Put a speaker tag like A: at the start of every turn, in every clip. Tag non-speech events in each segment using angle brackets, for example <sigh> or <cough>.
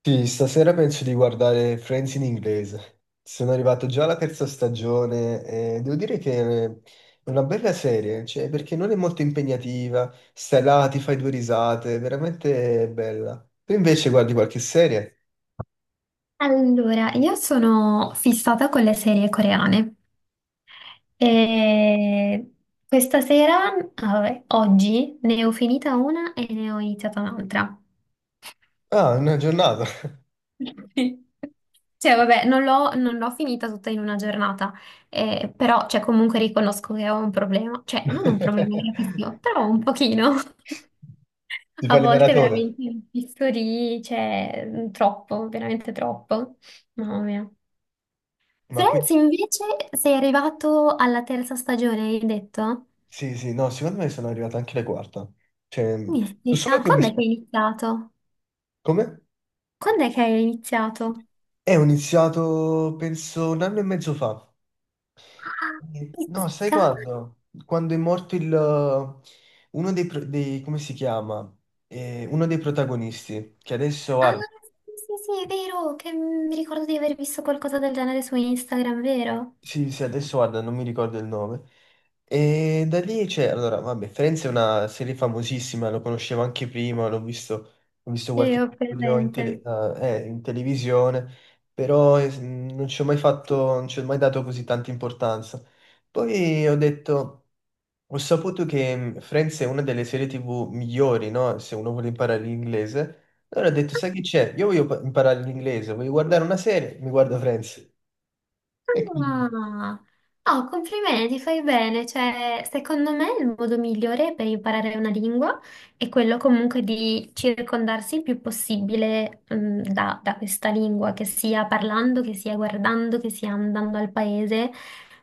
A: Sì, stasera penso di guardare Friends in inglese. Sono arrivato già alla terza stagione e devo dire che è una bella serie, cioè, perché non è molto impegnativa, stai là, ti fai due risate, è veramente bella. Tu invece guardi qualche serie?
B: Allora, io sono fissata con le serie coreane e questa sera, ah, vabbè, oggi, ne ho finita una e ne ho iniziata un'altra.
A: Ah, una giornata.
B: <laughs> Sì. Cioè, vabbè, non l'ho finita tutta in una giornata, però cioè, comunque riconosco che ho un problema, cioè non un problema
A: <laughs>
B: gravissimo, però un pochino. <laughs>
A: Ti
B: A
A: fai le
B: volte
A: maratone.
B: veramente mi fisso lì, cioè, troppo, veramente troppo. Mamma mia.
A: Ma quindi,
B: Friends invece sei arrivato alla terza stagione, hai detto?
A: sì, sì, no, secondo me sono arrivato anche alla quarta. Cioè, so solo
B: Mistica,
A: che ho
B: quando
A: visto...
B: è che hai iniziato?
A: Come?
B: Quando è che hai iniziato?
A: Ho iniziato, penso, un anno e mezzo fa.
B: Ah,
A: No, sai
B: Pizzica.
A: quando? Quando è morto il, uno dei, come si chiama? Uno dei protagonisti, che adesso
B: Ah,
A: guarda,
B: sì, sì, sì, è vero, che mi ricordo di aver visto qualcosa del genere su Instagram, vero?
A: sì, sì, adesso guarda, non mi ricordo il nome. E da lì c'è, allora, vabbè, Friends è una serie famosissima, lo conoscevo anche prima, l'ho visto, ho visto qualche
B: Io ho
A: episodio in,
B: presente.
A: in televisione, però non ci ho mai fatto, non ci ho mai dato così tanta importanza. Poi ho detto... Ho saputo che Friends è una delle serie TV migliori, no? Se uno vuole imparare l'inglese. Allora ho detto, sai che c'è? Io voglio imparare l'inglese, voglio guardare una serie, mi guardo Friends. E quindi,
B: Ah, oh, complimenti, fai bene. Cioè, secondo me il modo migliore per imparare una lingua è quello comunque di circondarsi il più possibile, da questa lingua, che sia parlando, che sia guardando, che sia andando al paese.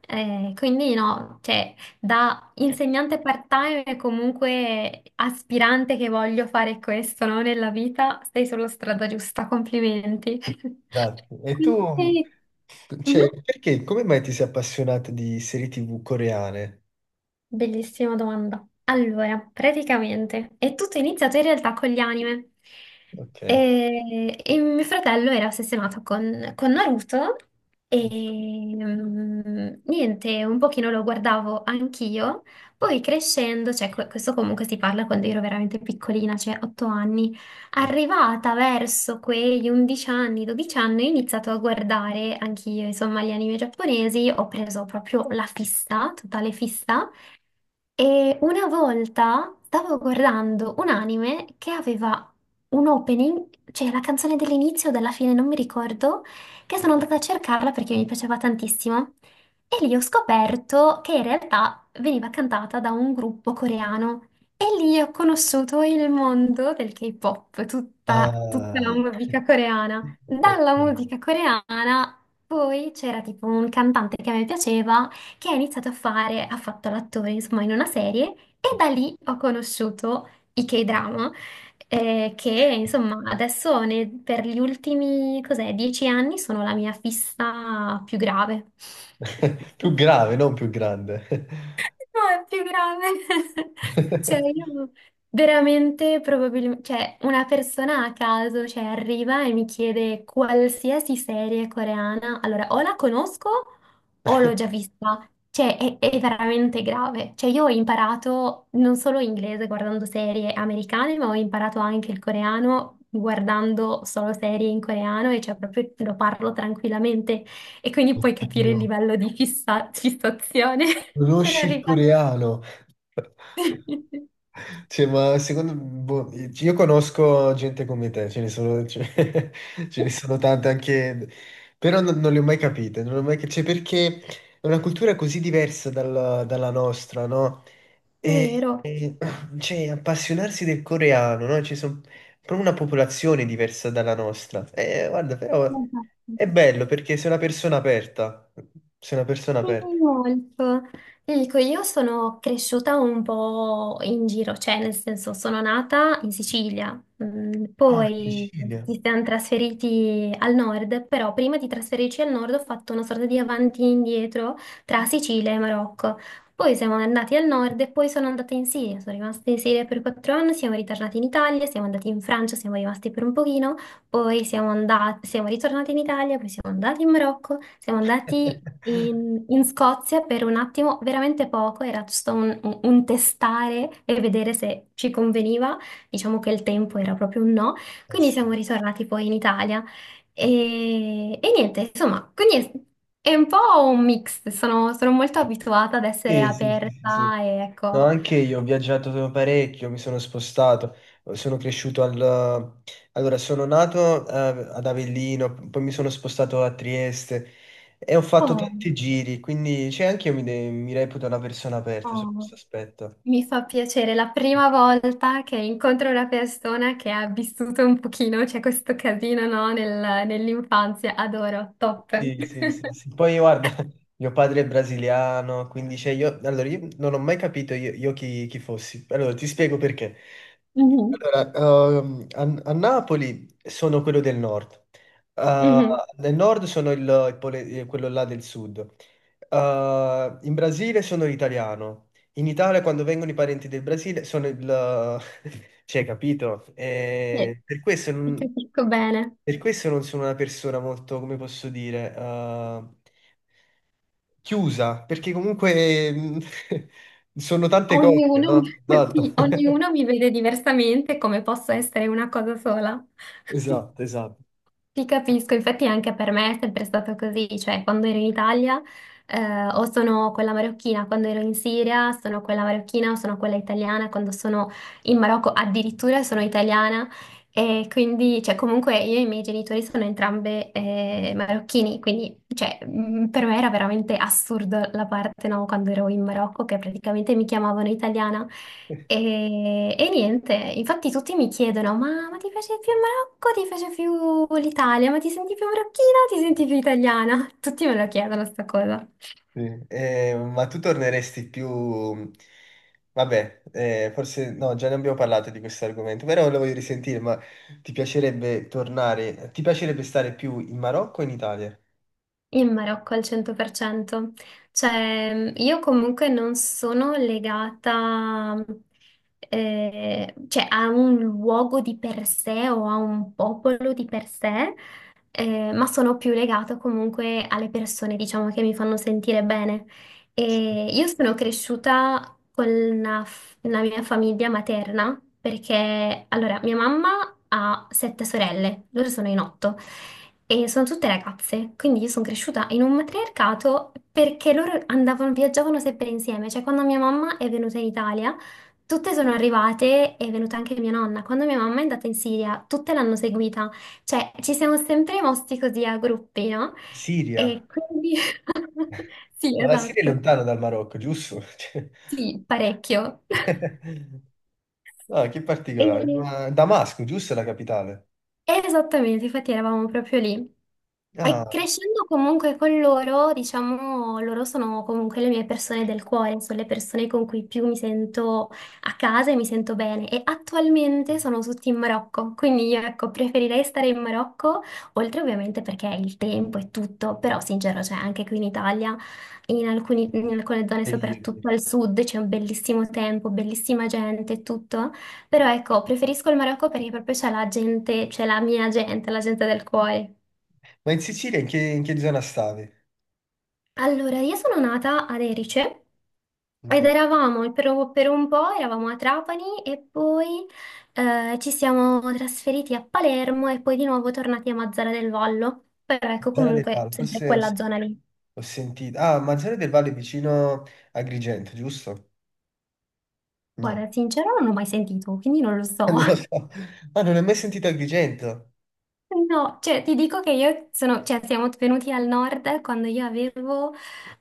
B: Quindi no, cioè, da insegnante part-time e comunque aspirante che voglio fare questo, no, nella vita, sei sulla strada giusta, complimenti.
A: grazie.
B: <laughs>
A: E tu,
B: E-
A: cioè,
B: Mhm.
A: perché, come mai ti sei appassionato di serie TV coreane?
B: Bellissima domanda. Allora, praticamente è tutto iniziato in realtà con gli anime.
A: Ok.
B: E mio fratello era ossessionato con Naruto e niente, un pochino lo guardavo anch'io. Poi crescendo, cioè questo comunque si parla quando ero veramente piccolina, cioè 8 anni, arrivata verso quegli 11 anni, 12 anni, ho iniziato a guardare anch'io, insomma, gli anime giapponesi, ho preso proprio la fissa, totale fissa. E una volta stavo guardando un anime che aveva un opening, cioè la canzone dell'inizio o della fine, non mi ricordo, che sono andata a cercarla perché mi piaceva tantissimo. E lì ho scoperto che in realtà veniva cantata da un gruppo coreano. E lì ho conosciuto il mondo del K-pop, tutta, tutta la
A: Ah,
B: musica coreana.
A: ok.
B: Dalla musica coreana poi c'era tipo un cantante che a me piaceva che ha iniziato a fare, ha fatto l'attore, insomma, in una serie e da lì ho conosciuto i K-drama, che insomma adesso per gli ultimi, cos'è, 10 anni sono la mia fissa più grave.
A: <laughs> Più grave, non più grande.
B: No, è più grave. <laughs> Cioè,
A: <laughs>
B: io veramente probabilmente, cioè, una persona a caso, cioè, arriva e mi chiede qualsiasi serie coreana. Allora, o la conosco o l'ho già vista. Cioè, è veramente grave. Cioè, io ho imparato non solo inglese guardando serie americane, ma ho imparato anche il coreano guardando solo serie in coreano e cioè proprio lo parlo tranquillamente e quindi puoi capire il
A: Oddio,
B: livello di fissazione per
A: conosci il
B: arrivare.
A: coreano? <laughs>
B: <laughs>
A: Cioè, ma secondo boh, io conosco gente come te, ce ne sono, <laughs> ce ne sono tante anche, però non, non le ho mai capite, non le ho mai cioè, perché è una cultura così diversa dalla nostra, no?
B: Vero.
A: E, cioè, appassionarsi del coreano, no? Ci sono proprio una popolazione diversa dalla nostra. E, guarda, però è bello perché sei una persona aperta, sei una persona
B: Sì,
A: aperta.
B: molto. Ti dico, io sono cresciuta un po' in giro, cioè nel senso sono nata in Sicilia,
A: Ah, in
B: poi
A: Sicilia.
B: ci siamo trasferiti al nord, però prima di trasferirci al nord ho fatto una sorta di avanti e indietro tra Sicilia e Marocco. Poi siamo andati al nord e poi sono andata in Siria, sono rimasta in Siria per 4 anni, siamo ritornati in Italia, siamo andati in Francia, siamo rimasti per un pochino, poi siamo ritornati in Italia, poi siamo andati in Marocco. Siamo andati
A: <laughs>
B: in Scozia per un attimo, veramente poco, era giusto un testare e vedere se ci conveniva. Diciamo che il tempo era proprio un no,
A: Eh
B: quindi
A: sì.
B: siamo ritornati poi in Italia. E niente, insomma, quindi è un po' un mix. Sono molto abituata ad essere
A: Sì, sì, sì, sì, sì.
B: aperta e
A: No,
B: ecco.
A: anche io ho viaggiato parecchio, mi sono spostato, sono cresciuto al... Allora, sono nato ad Avellino, poi mi sono spostato a Trieste e ho fatto
B: Oh,
A: tanti giri, quindi cioè, anche io mi, mi reputo una persona aperta su
B: oh.
A: questo aspetto.
B: Mi fa piacere, la prima volta che incontro una persona che ha vissuto un pochino, c'è questo casino, no, nell'infanzia, adoro, top. <laughs>
A: Sì, sì, sì, sì. Poi guarda, <laughs> mio padre è brasiliano, quindi cioè, io, allora, io non ho mai capito io chi, chi fossi. Allora, ti spiego perché.
B: Mhm.
A: Allora, ehm, a, a Napoli sono quello del nord. Eh,
B: Mhm,
A: nel nord sono il, quello là del sud. In Brasile sono l'italiano, in Italia quando vengono i parenti del Brasile sono il... <laughs> cioè, capito?
B: sì, ti capisco bene.
A: Per questo non sono una persona molto, come posso dire, chiusa, perché comunque <laughs> sono tante cose,
B: Ognuno,
A: no?
B: <laughs> sì,
A: Esatto. <laughs>
B: ognuno mi vede diversamente come posso essere una cosa sola. <laughs>
A: Esatto, esatto.
B: Ti capisco, infatti anche per me è sempre stato così, cioè quando ero in Italia o sono quella marocchina, quando ero in Siria sono quella marocchina o sono quella italiana, quando sono in Marocco addirittura sono italiana, e quindi, cioè, comunque io e i miei genitori sono entrambe marocchini, quindi, cioè, per me era veramente assurdo la parte, no, quando ero in Marocco, che praticamente mi chiamavano italiana. E niente, infatti tutti mi chiedono, ma ti piace più il Marocco, ti piace più l'Italia, ma ti senti più marocchina o ti senti più italiana? Tutti me lo chiedono sta cosa.
A: Sì. Ma tu torneresti più... Vabbè, forse no, già ne abbiamo parlato di questo argomento, però lo voglio risentire, ma ti piacerebbe tornare, ti piacerebbe stare più in Marocco o in Italia?
B: In Marocco al 100%. Cioè, io comunque non sono legata, cioè, a un luogo di per sé o a un popolo di per sé, ma sono più legata comunque alle persone, diciamo, che mi fanno sentire bene. E io sono cresciuta con la mia famiglia materna, perché, allora, mia mamma ha sette sorelle, loro sono in otto. E sono tutte ragazze, quindi io sono cresciuta in un matriarcato perché loro andavano, viaggiavano sempre insieme. Cioè, quando mia mamma è venuta in Italia, tutte sono arrivate, è venuta anche mia nonna. Quando mia mamma è andata in Siria, tutte l'hanno seguita. Cioè, ci siamo sempre mossi così a gruppi, no?
A: Siria?
B: E quindi. <laughs> Sì,
A: Ma la Siria è
B: esatto.
A: lontano dal Marocco, giusto? <laughs> Cioè,
B: Sì, parecchio. <laughs>
A: <laughs> no, che particolare.
B: E...
A: Ma Damasco, giusto, è la capitale?
B: Esattamente, infatti eravamo proprio lì. E
A: Ah,
B: crescendo comunque con loro, diciamo, loro sono comunque le mie persone del cuore, sono le persone con cui più mi sento a casa e mi sento bene. E attualmente sono tutti in Marocco, quindi io ecco, preferirei stare in Marocco, oltre ovviamente perché il tempo e tutto, però sincero, cioè anche qui in Italia, in alcune zone,
A: e io.
B: soprattutto al sud, c'è un bellissimo tempo, bellissima gente e tutto, però ecco, preferisco il Marocco perché proprio c'è la gente, c'è la mia gente, la gente del cuore.
A: Ma in Sicilia in che zona stavi?
B: Allora, io sono nata ad Erice
A: In
B: ed
A: te-
B: eravamo per un po', eravamo a Trapani e poi ci siamo trasferiti a Palermo e poi di nuovo tornati a Mazara del Vallo. Però ecco,
A: zona del
B: comunque,
A: Palo,
B: sempre
A: forse
B: quella zona lì.
A: ho sentito. Ah, Manzano del Valle è vicino a Agrigento, giusto? No,
B: Guarda, sincero, non l'ho mai sentito, quindi non lo
A: <laughs>
B: so.
A: non lo
B: <laughs>
A: so. Ah, non ho mai sentito Agrigento.
B: No, cioè ti dico che cioè siamo venuti al nord quando io avevo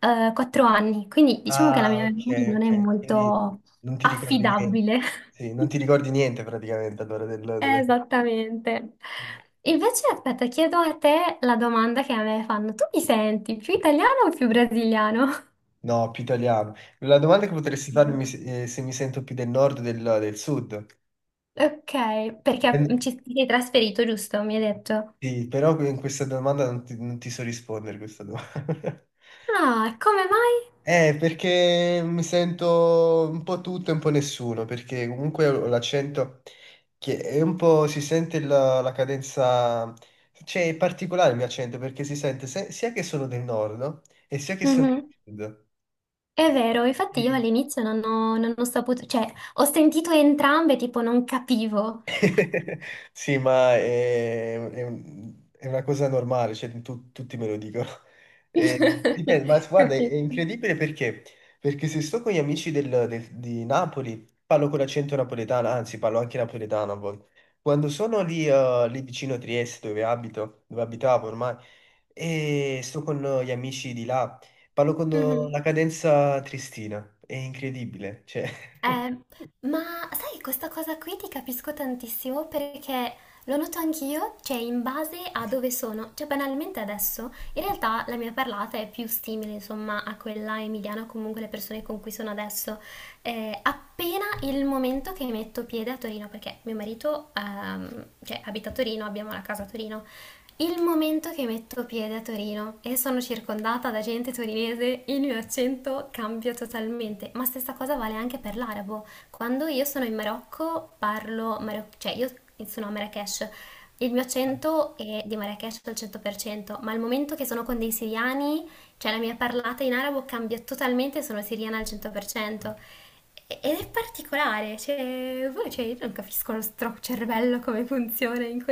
B: 4 anni, quindi diciamo che la
A: Ah,
B: mia
A: ok,
B: memoria non è
A: ok. Quindi
B: molto
A: non ti ricordi niente.
B: affidabile.
A: Sì, non ti
B: <laughs>
A: ricordi niente praticamente allora del, del-
B: Esattamente. Invece, aspetta, chiedo a te la domanda che a me fanno. Tu mi senti più italiano o più brasiliano?
A: no, più italiano. La domanda che potresti farmi
B: Ok,
A: se mi sento più del nord o del, del sud?
B: ok, perché
A: Eh,
B: ci ti sei trasferito, giusto? Mi hai detto.
A: sì, però in questa domanda non ti, non ti so rispondere questa domanda. <laughs>
B: Ah, come mai?
A: Perché mi sento un po' tutto e un po' nessuno, perché comunque ho l'accento che è un po' si sente la, la cadenza, cioè è particolare il mio accento perché si sente sia che sono del nord no? E sia che sono
B: Mhm.
A: del
B: È vero, infatti io
A: sud.
B: all'inizio non ho saputo, cioè ho sentito entrambe, tipo non capivo.
A: <laughs> Sì, ma è è una cosa normale, cioè, tutti me lo dicono. <laughs> Dipende,
B: <laughs>
A: ma guarda, è
B: Capito.
A: incredibile perché? Perché se sto con gli amici di Napoli, parlo con l'accento napoletano, anzi parlo anche napoletano a volte. Quando sono lì, lì vicino a Trieste, dove abito, dove abitavo ormai, e sto con gli amici di là, parlo con la
B: Mhm.
A: cadenza triestina, è incredibile, cioè...
B: Eh, ma sai, questa cosa qui ti capisco tantissimo perché lo noto anch'io, cioè in base a dove sono, cioè banalmente adesso, in realtà la mia parlata è più simile, insomma, a quella emiliana o comunque le persone con cui sono adesso. Appena il momento che metto piede a Torino, perché mio marito, cioè, abita a Torino, abbiamo la casa a Torino, il momento che metto piede a Torino e sono circondata da gente torinese, il mio accento cambia totalmente, ma stessa cosa vale anche per l'arabo. Quando io sono in Marocco cioè io sono a Marrakech, il mio
A: <laughs>
B: accento è di Marrakech al 100%, ma al momento che sono con dei siriani, cioè la mia parlata in arabo cambia totalmente, sono siriana al 100%. Ed è particolare, cioè, cioè, io non capisco lo stro cervello come funziona in questo.